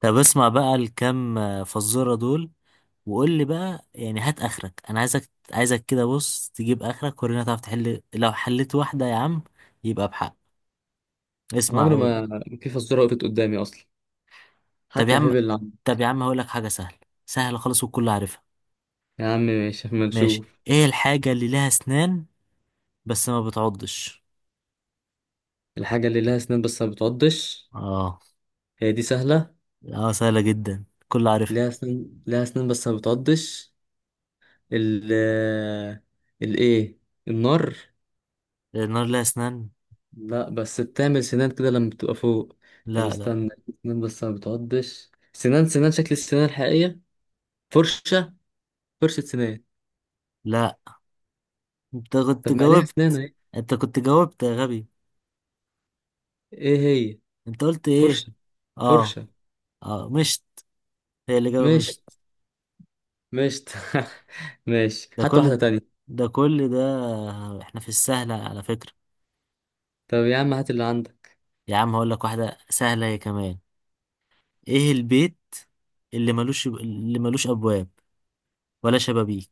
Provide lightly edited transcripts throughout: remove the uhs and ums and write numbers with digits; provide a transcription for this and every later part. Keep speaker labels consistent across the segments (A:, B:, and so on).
A: طب اسمع بقى الكام فزورة دول. وقول لي بقى يعني هات اخرك. انا عايزك عايزك كده، بص تجيب اخرك ورينا تعرف تحل. لو حليت واحدة يا عم يبقى بحق. اسمع
B: عمري
A: اول.
B: ما في فزورة وقفت قدامي أصلا.
A: طب
B: هات
A: يا
B: يا
A: عم
B: حبيبي اللي عندك.
A: طب يا عم هقول لك حاجة سهلة. سهلة خالص والكل عارفها.
B: يا عم ماشي أما
A: ماشي.
B: نشوف.
A: ايه الحاجة اللي لها اسنان بس ما بتعضش؟
B: الحاجة اللي لها أسنان بس ما بتعضش؟
A: اه.
B: هي دي سهلة.
A: اه سهلة جدا الكل عارفها.
B: لها أسنان، لها أسنان بس ما بتعضش. ال الإيه؟ النار.
A: النار لها اسنان.
B: لا، بس بتعمل سنان كده لما بتبقى فوق. طب
A: لا لا
B: استنى، سنان بس ما بتعضش، سنان سنان شكل السنان الحقيقية. فرشة، فرشة سنان.
A: لا. انت كنت
B: طب ما ليها أسنان
A: جاوبت
B: أهي.
A: انت كنت جاوبت يا غبي.
B: إيه؟ هي
A: انت قلت ايه؟
B: فرشة.
A: اه.
B: فرشة.
A: اه، مش، هي الإجابة
B: ماشي،
A: مش...
B: ماشي. ماشي،
A: ده
B: هات
A: كل
B: واحدة تانية.
A: ده كل ده، احنا في السهلة على فكرة.
B: طب يا عم هات اللي عندك.
A: يا عم هقول لك واحدة سهلة هي كمان. ايه البيت اللي ملوش أبواب ولا شبابيك؟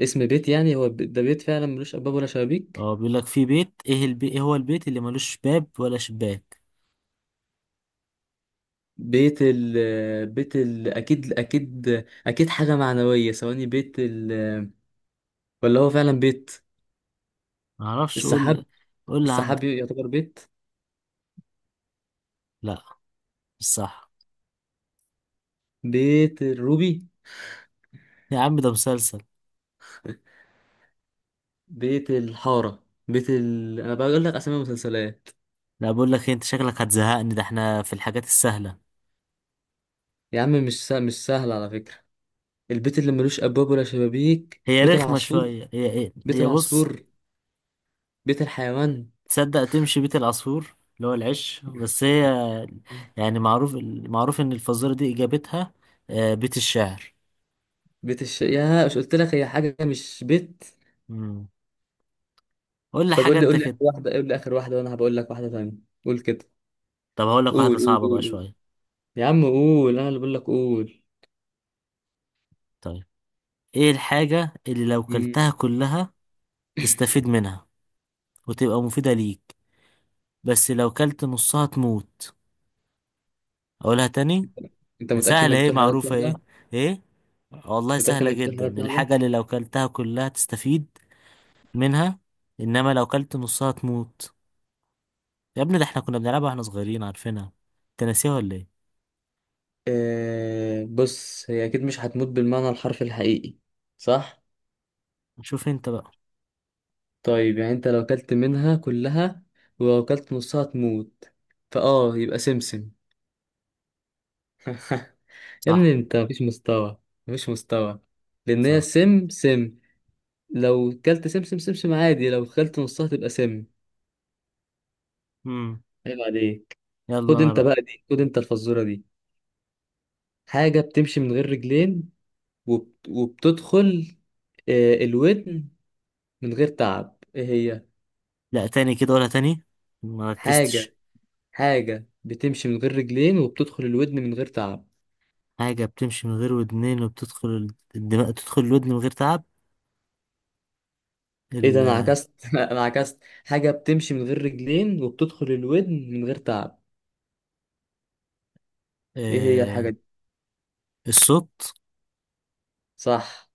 B: اسم بيت يعني، هو ده بيت فعلا ملوش ابواب ولا شبابيك؟
A: اه، بيقول لك في بيت، ايه ايه هو البيت اللي ملوش باب ولا شباك؟
B: بيت ال، بيت ال، اكيد اكيد، اكيد حاجه معنويه. ثواني، بيت ال، ولا هو فعلا بيت؟
A: معرفش، قول.
B: السحاب.
A: قول اللي
B: السحاب
A: عندك.
B: يعتبر بيت.
A: لا مش صح.
B: بيت الروبي.
A: يا عم ده مسلسل.
B: بيت الحاره، بيت ال، انا بقول لك اسامي مسلسلات.
A: لا بقول لك إيه، انت شكلك هتزهقني، ده احنا في الحاجات السهلة.
B: يا عم مش سهل، مش سهل على فكره. البيت اللي ملوش ابواب ولا شبابيك،
A: هي
B: بيت
A: رخمة
B: العصفور.
A: شوية. هي هي
B: بيت
A: هي بص.
B: العصفور. بيت الحيوان.
A: تصدق تمشي بيت العصفور اللي هو العش، بس هي يعني معروف. معروف ان الفزورة دي اجابتها آه، بيت الشعر.
B: يا مش قلت لك هي حاجه مش بيت.
A: مم. قول لي
B: طب
A: حاجة
B: قول لي،
A: انت
B: قول لي
A: كده.
B: اخر واحده، قول لي اخر واحده وانا هبقول لك واحده ثانيه. قول كده.
A: طب هقول لك واحدة
B: قول قول
A: صعبة
B: قول
A: بقى
B: قول.
A: شوية.
B: يا عم قول، انا اللي بقول لك قول.
A: طيب، ايه الحاجة اللي لو
B: مم.
A: كلتها كلها تستفيد منها وتبقى مفيدة ليك، بس لو كلت نصها تموت؟ اقولها تاني.
B: انت متاكد انك
A: سهلة ايه،
B: بتقول حاجات
A: معروفة ايه؟
B: سهله؟
A: ايه؟ والله
B: متاكد
A: سهلة
B: انك بتقول
A: جدا.
B: حاجات سهله؟
A: الحاجة اللي لو كلتها كلها تستفيد منها، انما لو كلت نصها تموت. يا ابني ده احنا كنا بنلعبها واحنا صغيرين، عارفينها. انت ناسيها ولا ايه؟
B: آه بص، هي اكيد مش هتموت بالمعنى الحرفي الحقيقي، صح؟
A: شوف انت بقى.
B: طيب يعني انت لو كلت منها كلها ولو كلت نصها تموت، فاه يبقى سمسم. يا ابني
A: صح.
B: انت مفيش مستوى، مفيش مستوى. لان هي
A: صح.
B: سم سم. لو كلت سمسم سمسم عادي، لو كلت نصها تبقى سم.
A: امم.
B: عيب عليك.
A: يلا
B: خد
A: انا
B: انت
A: بقى.
B: بقى دي، خد انت الفزورة دي. حاجة بتمشي من غير رجلين وبتدخل الودن من غير تعب. ايه هي؟
A: لا تاني كده، ولا تاني، ما ركزتش.
B: حاجة، حاجة بتمشي من غير رجلين وبتدخل الودن من غير تعب.
A: حاجة بتمشي من غير ودنين وبتدخل الدماغ، تدخل الودن من غير تعب.
B: ايه ده انا
A: ال...
B: عكست. انا عكست. حاجة بتمشي من غير رجلين وبتدخل الودن من غير تعب. ايه هي الحاجة
A: آه...
B: دي؟
A: الصوت.
B: صح.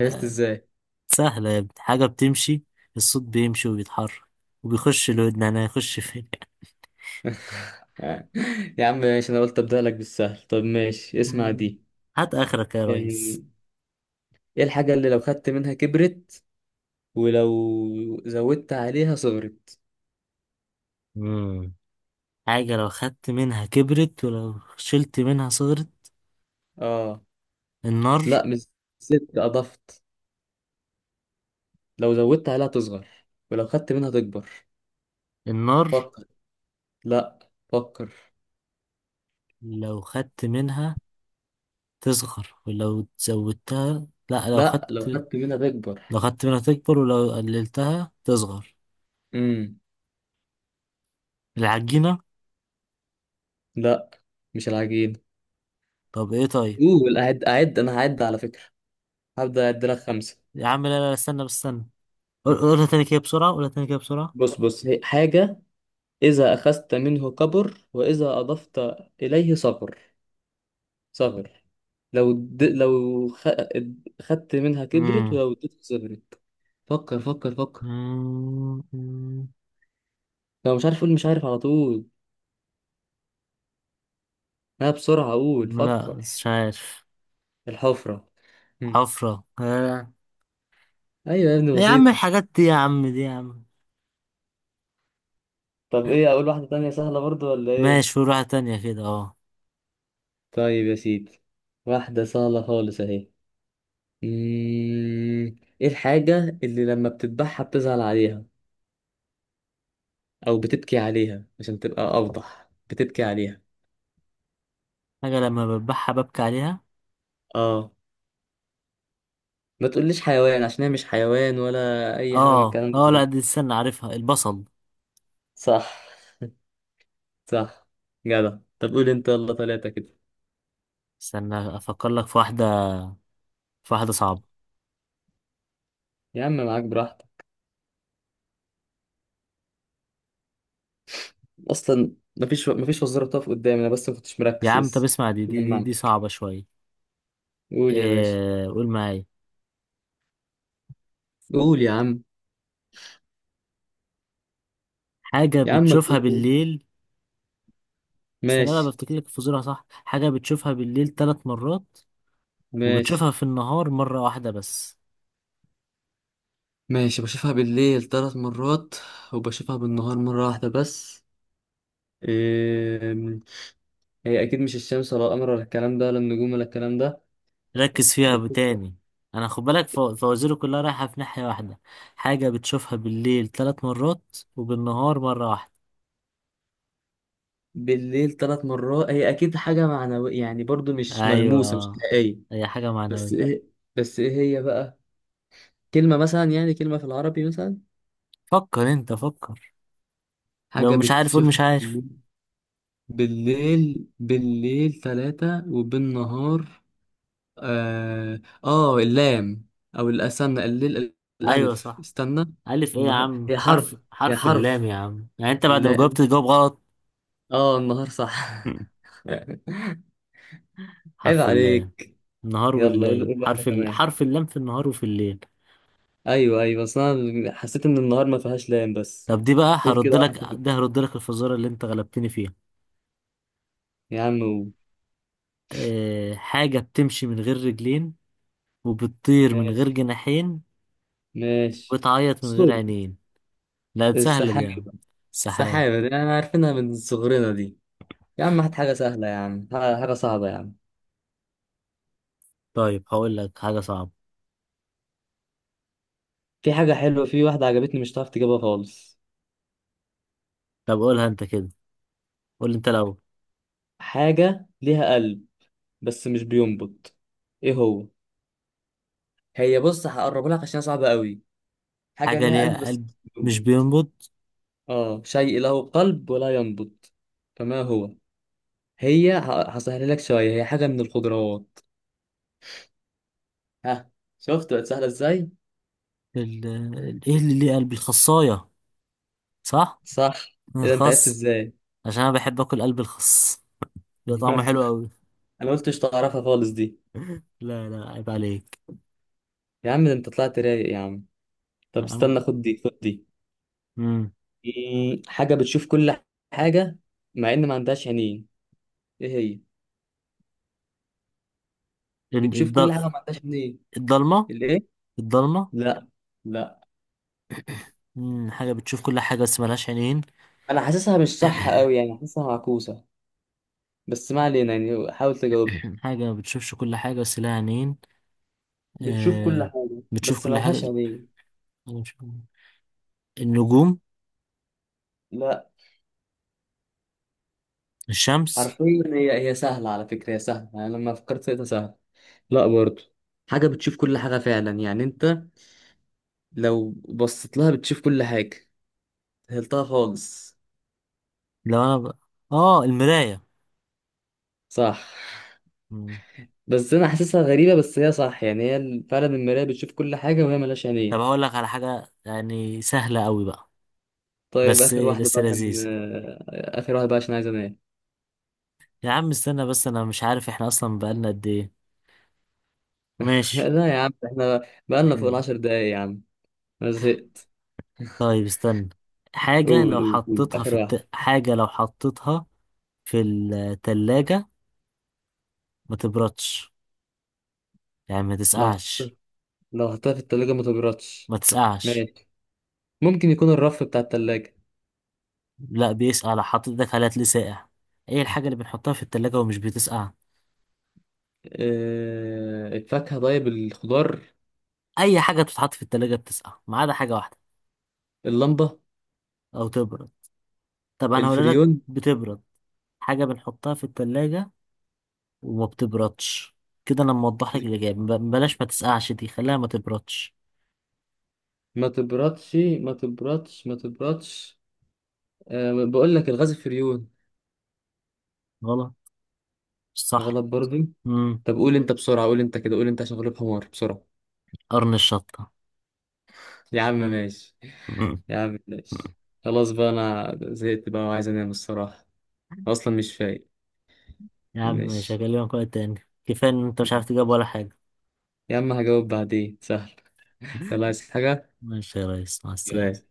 B: عرفت
A: آه...
B: ازاي؟
A: سهلة يا ابني. حاجة بتمشي، الصوت بيمشي وبيتحرك وبيخش الودن. انا هيخش فين؟
B: يا عم ماشي، انا قلت ابدأ لك بالسهل. طب ماشي اسمع
A: مم.
B: دي.
A: هات اخرك يا ريس.
B: يعني ايه الحاجة اللي لو خدت منها كبرت ولو زودت عليها صغرت؟
A: مم. حاجة لو خدت منها كبرت، ولو شلت منها صغرت.
B: اه.
A: النار.
B: لا مش، زدت، اضفت. لو زودت عليها تصغر ولو خدت منها تكبر.
A: النار.
B: فكر. لا فكر.
A: لو خدت منها تصغر ولو زودتها، لا، لو
B: لا، لو
A: خدت،
B: خدت منها تكبر.
A: لو خدت منها تكبر ولو قللتها تصغر.
B: امم.
A: العجينة.
B: لا، مش العجين.
A: طب ايه؟ طيب.
B: قول، اعد اعد، انا هعد على فكرة، هبدأ اعد لك خمسة.
A: يا عم لا لا استنى، بس استنى. قولها تاني كده بسرعة، قولها تاني كده بسرعة.
B: بص بص، هي حاجة إذا أخذت منه كبر وإذا أضفت إليه صغر، صغر. لو د... لو خ... خدت منها كبرت
A: مم.
B: ولو اديتها صغرت. فكر فكر فكر.
A: مم. مم.
B: لو مش عارف قول مش عارف على طول، انا بسرعة اقول
A: لا
B: فكر.
A: مش عارف.
B: الحفرة. هم.
A: حفرة آه.
B: ايوه يا ابني،
A: يا عم
B: بسيطة.
A: الحاجات دي، يا عم دي، يا عم.
B: طب ايه، اقول واحدة تانية سهلة برضو ولا ايه؟
A: ماشي، قول واحدة تانية كده، اه.
B: طيب يا سيدي، واحدة سهلة خالص اهي. ايه الحاجة اللي لما بتذبحها بتزعل عليها او بتبكي عليها؟ عشان تبقى اوضح، بتبكي عليها.
A: حاجة لما بذبحها ببكي عليها.
B: اه. ما تقوليش حيوان، عشان هي مش حيوان ولا اي حاجه من
A: اه.
B: الكلام
A: اه. لا
B: ده.
A: دي، استنى، عارفها، البصل.
B: صح. صح. جدع. طب قول انت يلا، ثلاثه كده.
A: استنى افكر لك في واحدة، في واحدة صعبة.
B: يا عم معاك براحتك اصلا، مفيش، مفيش وزاره بتقف قدامي انا، بس ما كنتش
A: يا
B: مركز
A: عم طب
B: لسه.
A: اسمع
B: جمعنا.
A: دي صعبة شوية.
B: قول يا باشا.
A: إيه؟ قول معايا.
B: قول يا عم.
A: حاجة
B: يا عم
A: بتشوفها
B: قول.
A: بالليل. استنى بقى
B: ماشي.
A: بفتكر لك الفزورة. صح، حاجة بتشوفها بالليل 3 مرات،
B: ماشي.
A: وبتشوفها في النهار مرة واحدة بس.
B: ماشي بشوفها بالليل 3 مرات وبشوفها بالنهار مره واحده بس. إيه... هي اكيد مش الشمس ولا القمر ولا الكلام ده، ولا النجوم ولا الكلام
A: ركز
B: ده.
A: فيها تاني. انا خد بالك، فوازيري كلها رايحة في ناحية واحدة. حاجة بتشوفها بالليل ثلاث مرات وبالنهار مرة واحدة.
B: بالليل 3 مرات، هي اكيد حاجه معنويه يعني، برضو مش
A: ايوه
B: ملموسه، مش
A: آه.
B: حقيقيه.
A: هي حاجة
B: بس
A: معنوية.
B: ايه؟ بس ايه؟ هي بقى كلمه مثلا، يعني كلمه في العربي مثلا.
A: فكر انت، فكر. لو
B: حاجه
A: مش عارف قول مش
B: بتشوفها
A: عارف.
B: بالليل، بالليل ثلاثه وبالنهار. اه، آه اللام، او الاستنى الليل،
A: ايوه
B: الالف،
A: صح.
B: استنى،
A: ألف إيه يا
B: النهار.
A: عم؟
B: هي حرف، هي
A: حرف اللام
B: حرف،
A: يا عم، يعني أنت بعد ما جاوبت
B: اللام.
A: تجاوب غلط؟
B: اه النهار، صح. عيب
A: حرف اللام.
B: عليك.
A: النهار
B: يلا قول،
A: والليل،
B: قول واحده كمان.
A: حرف اللام في النهار وفي الليل.
B: ايوه ايوه، بس انا حسيت ان النهار ما فيهاش لام بس.
A: طب دي بقى
B: قول كده
A: هرد لك،
B: واحدة كده.
A: ده هرد لك الفزورة اللي أنت غلبتني فيها.
B: يا عم قول.
A: حاجة بتمشي من غير رجلين، وبتطير من غير
B: ماشي.
A: جناحين،
B: ماشي.
A: وبتعيط من غير
B: الصوت.
A: عينين. لا دي سهلة دي
B: السحابة.
A: يا عم. السحاب.
B: السحابة دي انا عارفينها من صغرنا دي. يا عم هات حاجة سهلة يا عم، حاجة صعبة يا عم.
A: طيب هقول لك حاجة صعبة.
B: في حاجة حلوة، في واحدة عجبتني مش هتعرف تجيبها خالص.
A: طب قولها أنت كده. قول أنت الأول.
B: حاجة ليها قلب بس مش بينبض. ايه هو؟ هي بص، هقربها لك عشان هي صعبة قوي. حاجة
A: حاجة
B: ليها قلب
A: ليها
B: بس
A: قلب
B: مش
A: مش
B: بينبض.
A: بينبض.
B: اه، شيء له قلب ولا ينبض، فما هو؟ هي هسهلها لك شوية، هي حاجة من الخضروات. ها. شفت بقت سهلة ازاي؟
A: إيه اللي ليه قلب؟ الخصاية صح؟
B: صح.
A: من
B: اذا انت عرفت
A: الخس،
B: ازاي؟
A: عشان انا بحب اكل قلب الخس، ده طعمه حلو قوي.
B: انا قلت مش تعرفها خالص دي.
A: لا لا عيب عليك.
B: يا عم ده انت طلعت رايق يا عم. طب استنى،
A: نعم.
B: خد دي، خد دي.
A: امم.
B: حاجة بتشوف كل حاجة مع ان ما عندهاش عينين. ايه هي؟ بتشوف كل حاجة ما عندهاش عينين.
A: الضلمه.
B: الايه؟
A: الضلمه.
B: لا. لا.
A: حاجه بتشوف كل حاجه بس ملهاش عينين.
B: انا حاسسها مش صح قوي يعني، حاسسها معكوسة، بس ما علينا يعني، حاول تجاوب.
A: حاجه ما بتشوفش كل حاجه بس لها عينين.
B: بتشوف كل
A: آه،
B: حاجة
A: بتشوف
B: بس
A: كل حاجه.
B: ملهاش عينين.
A: أنا مش- النجوم.
B: لا،
A: الشمس.
B: حرفيا هي، هي سهلة على فكرة، هي سهلة، أنا لما فكرت فيها سهلة. لا برضو. حاجة بتشوف كل حاجة فعلا يعني، أنت لو بصيت لها بتشوف كل حاجة. سهلتها خالص.
A: لو انا ب... اه المرايه.
B: صح.
A: مم.
B: بس أنا حاسسها غريبة، بس هي صح يعني، هي فعلا المراية بتشوف كل حاجة وهي ملهاش
A: طب
B: عينين.
A: هقول لك على حاجه يعني سهله قوي بقى.
B: طيب
A: بس
B: آخر واحدة بقى
A: لسه لذيذه.
B: عشان، آخر واحدة بقى عشان عايز أنام.
A: يا عم استنى بس، انا مش عارف احنا اصلا بقالنا قد ايه. ماشي.
B: لا يا عم إحنا بقالنا فوق
A: مم.
B: ال 10 دقايق يا عم. أنا زهقت.
A: طيب استنى. حاجة
B: قول
A: لو
B: قول قول
A: حطيتها
B: آخر واحدة.
A: حاجة لو حطيتها في التلاجة ما تبردش، يعني ما
B: لو
A: تسقعش.
B: حطيتها، لو حطيتها في التلاجة ما تبردش.
A: ما تسقعش.
B: ماشي. ممكن يكون الرف بتاع التلاجة.
A: لا بيسقع، لو حطيت ايدك عليها تلاقيه ساقع. ايه الحاجة اللي بنحطها في التلاجة ومش بتسقع؟
B: الفاكهة، طيب الخضار.
A: اي حاجة بتتحط في التلاجة بتسقع ما عدا حاجة واحدة،
B: اللمبة.
A: او تبرد. طب انا هقول لك،
B: الفريون.
A: بتبرد. حاجة بنحطها في التلاجة وما بتبردش. كده انا موضح لك الاجابة، بلاش ما تسقعش دي، خليها ما تبردش.
B: ما تبردش، ما تبردش، ما تبردش. أه بقول لك الغاز، الفريون.
A: غلط. مش صح.
B: غلط برضه.
A: امم.
B: طب قول انت بسرعة، قول انت كده، قول انت عشان غلوب حمار بسرعة.
A: قرن الشطة.
B: يا عم ماشي.
A: مم.
B: يا عم ماشي. خلاص بقى، انا زهقت بقى وعايز انام الصراحة، اصلا مش فايق.
A: يا عم مش
B: ماشي،
A: هكلمك وقت تاني، كفاية ان انت مش عارف تجاوب ولا حاجة.
B: يا عم هجاوب بعدين سهل. يلا عايز حاجة؟
A: ماشي يا ريس، مع السلامة.
B: بلاش.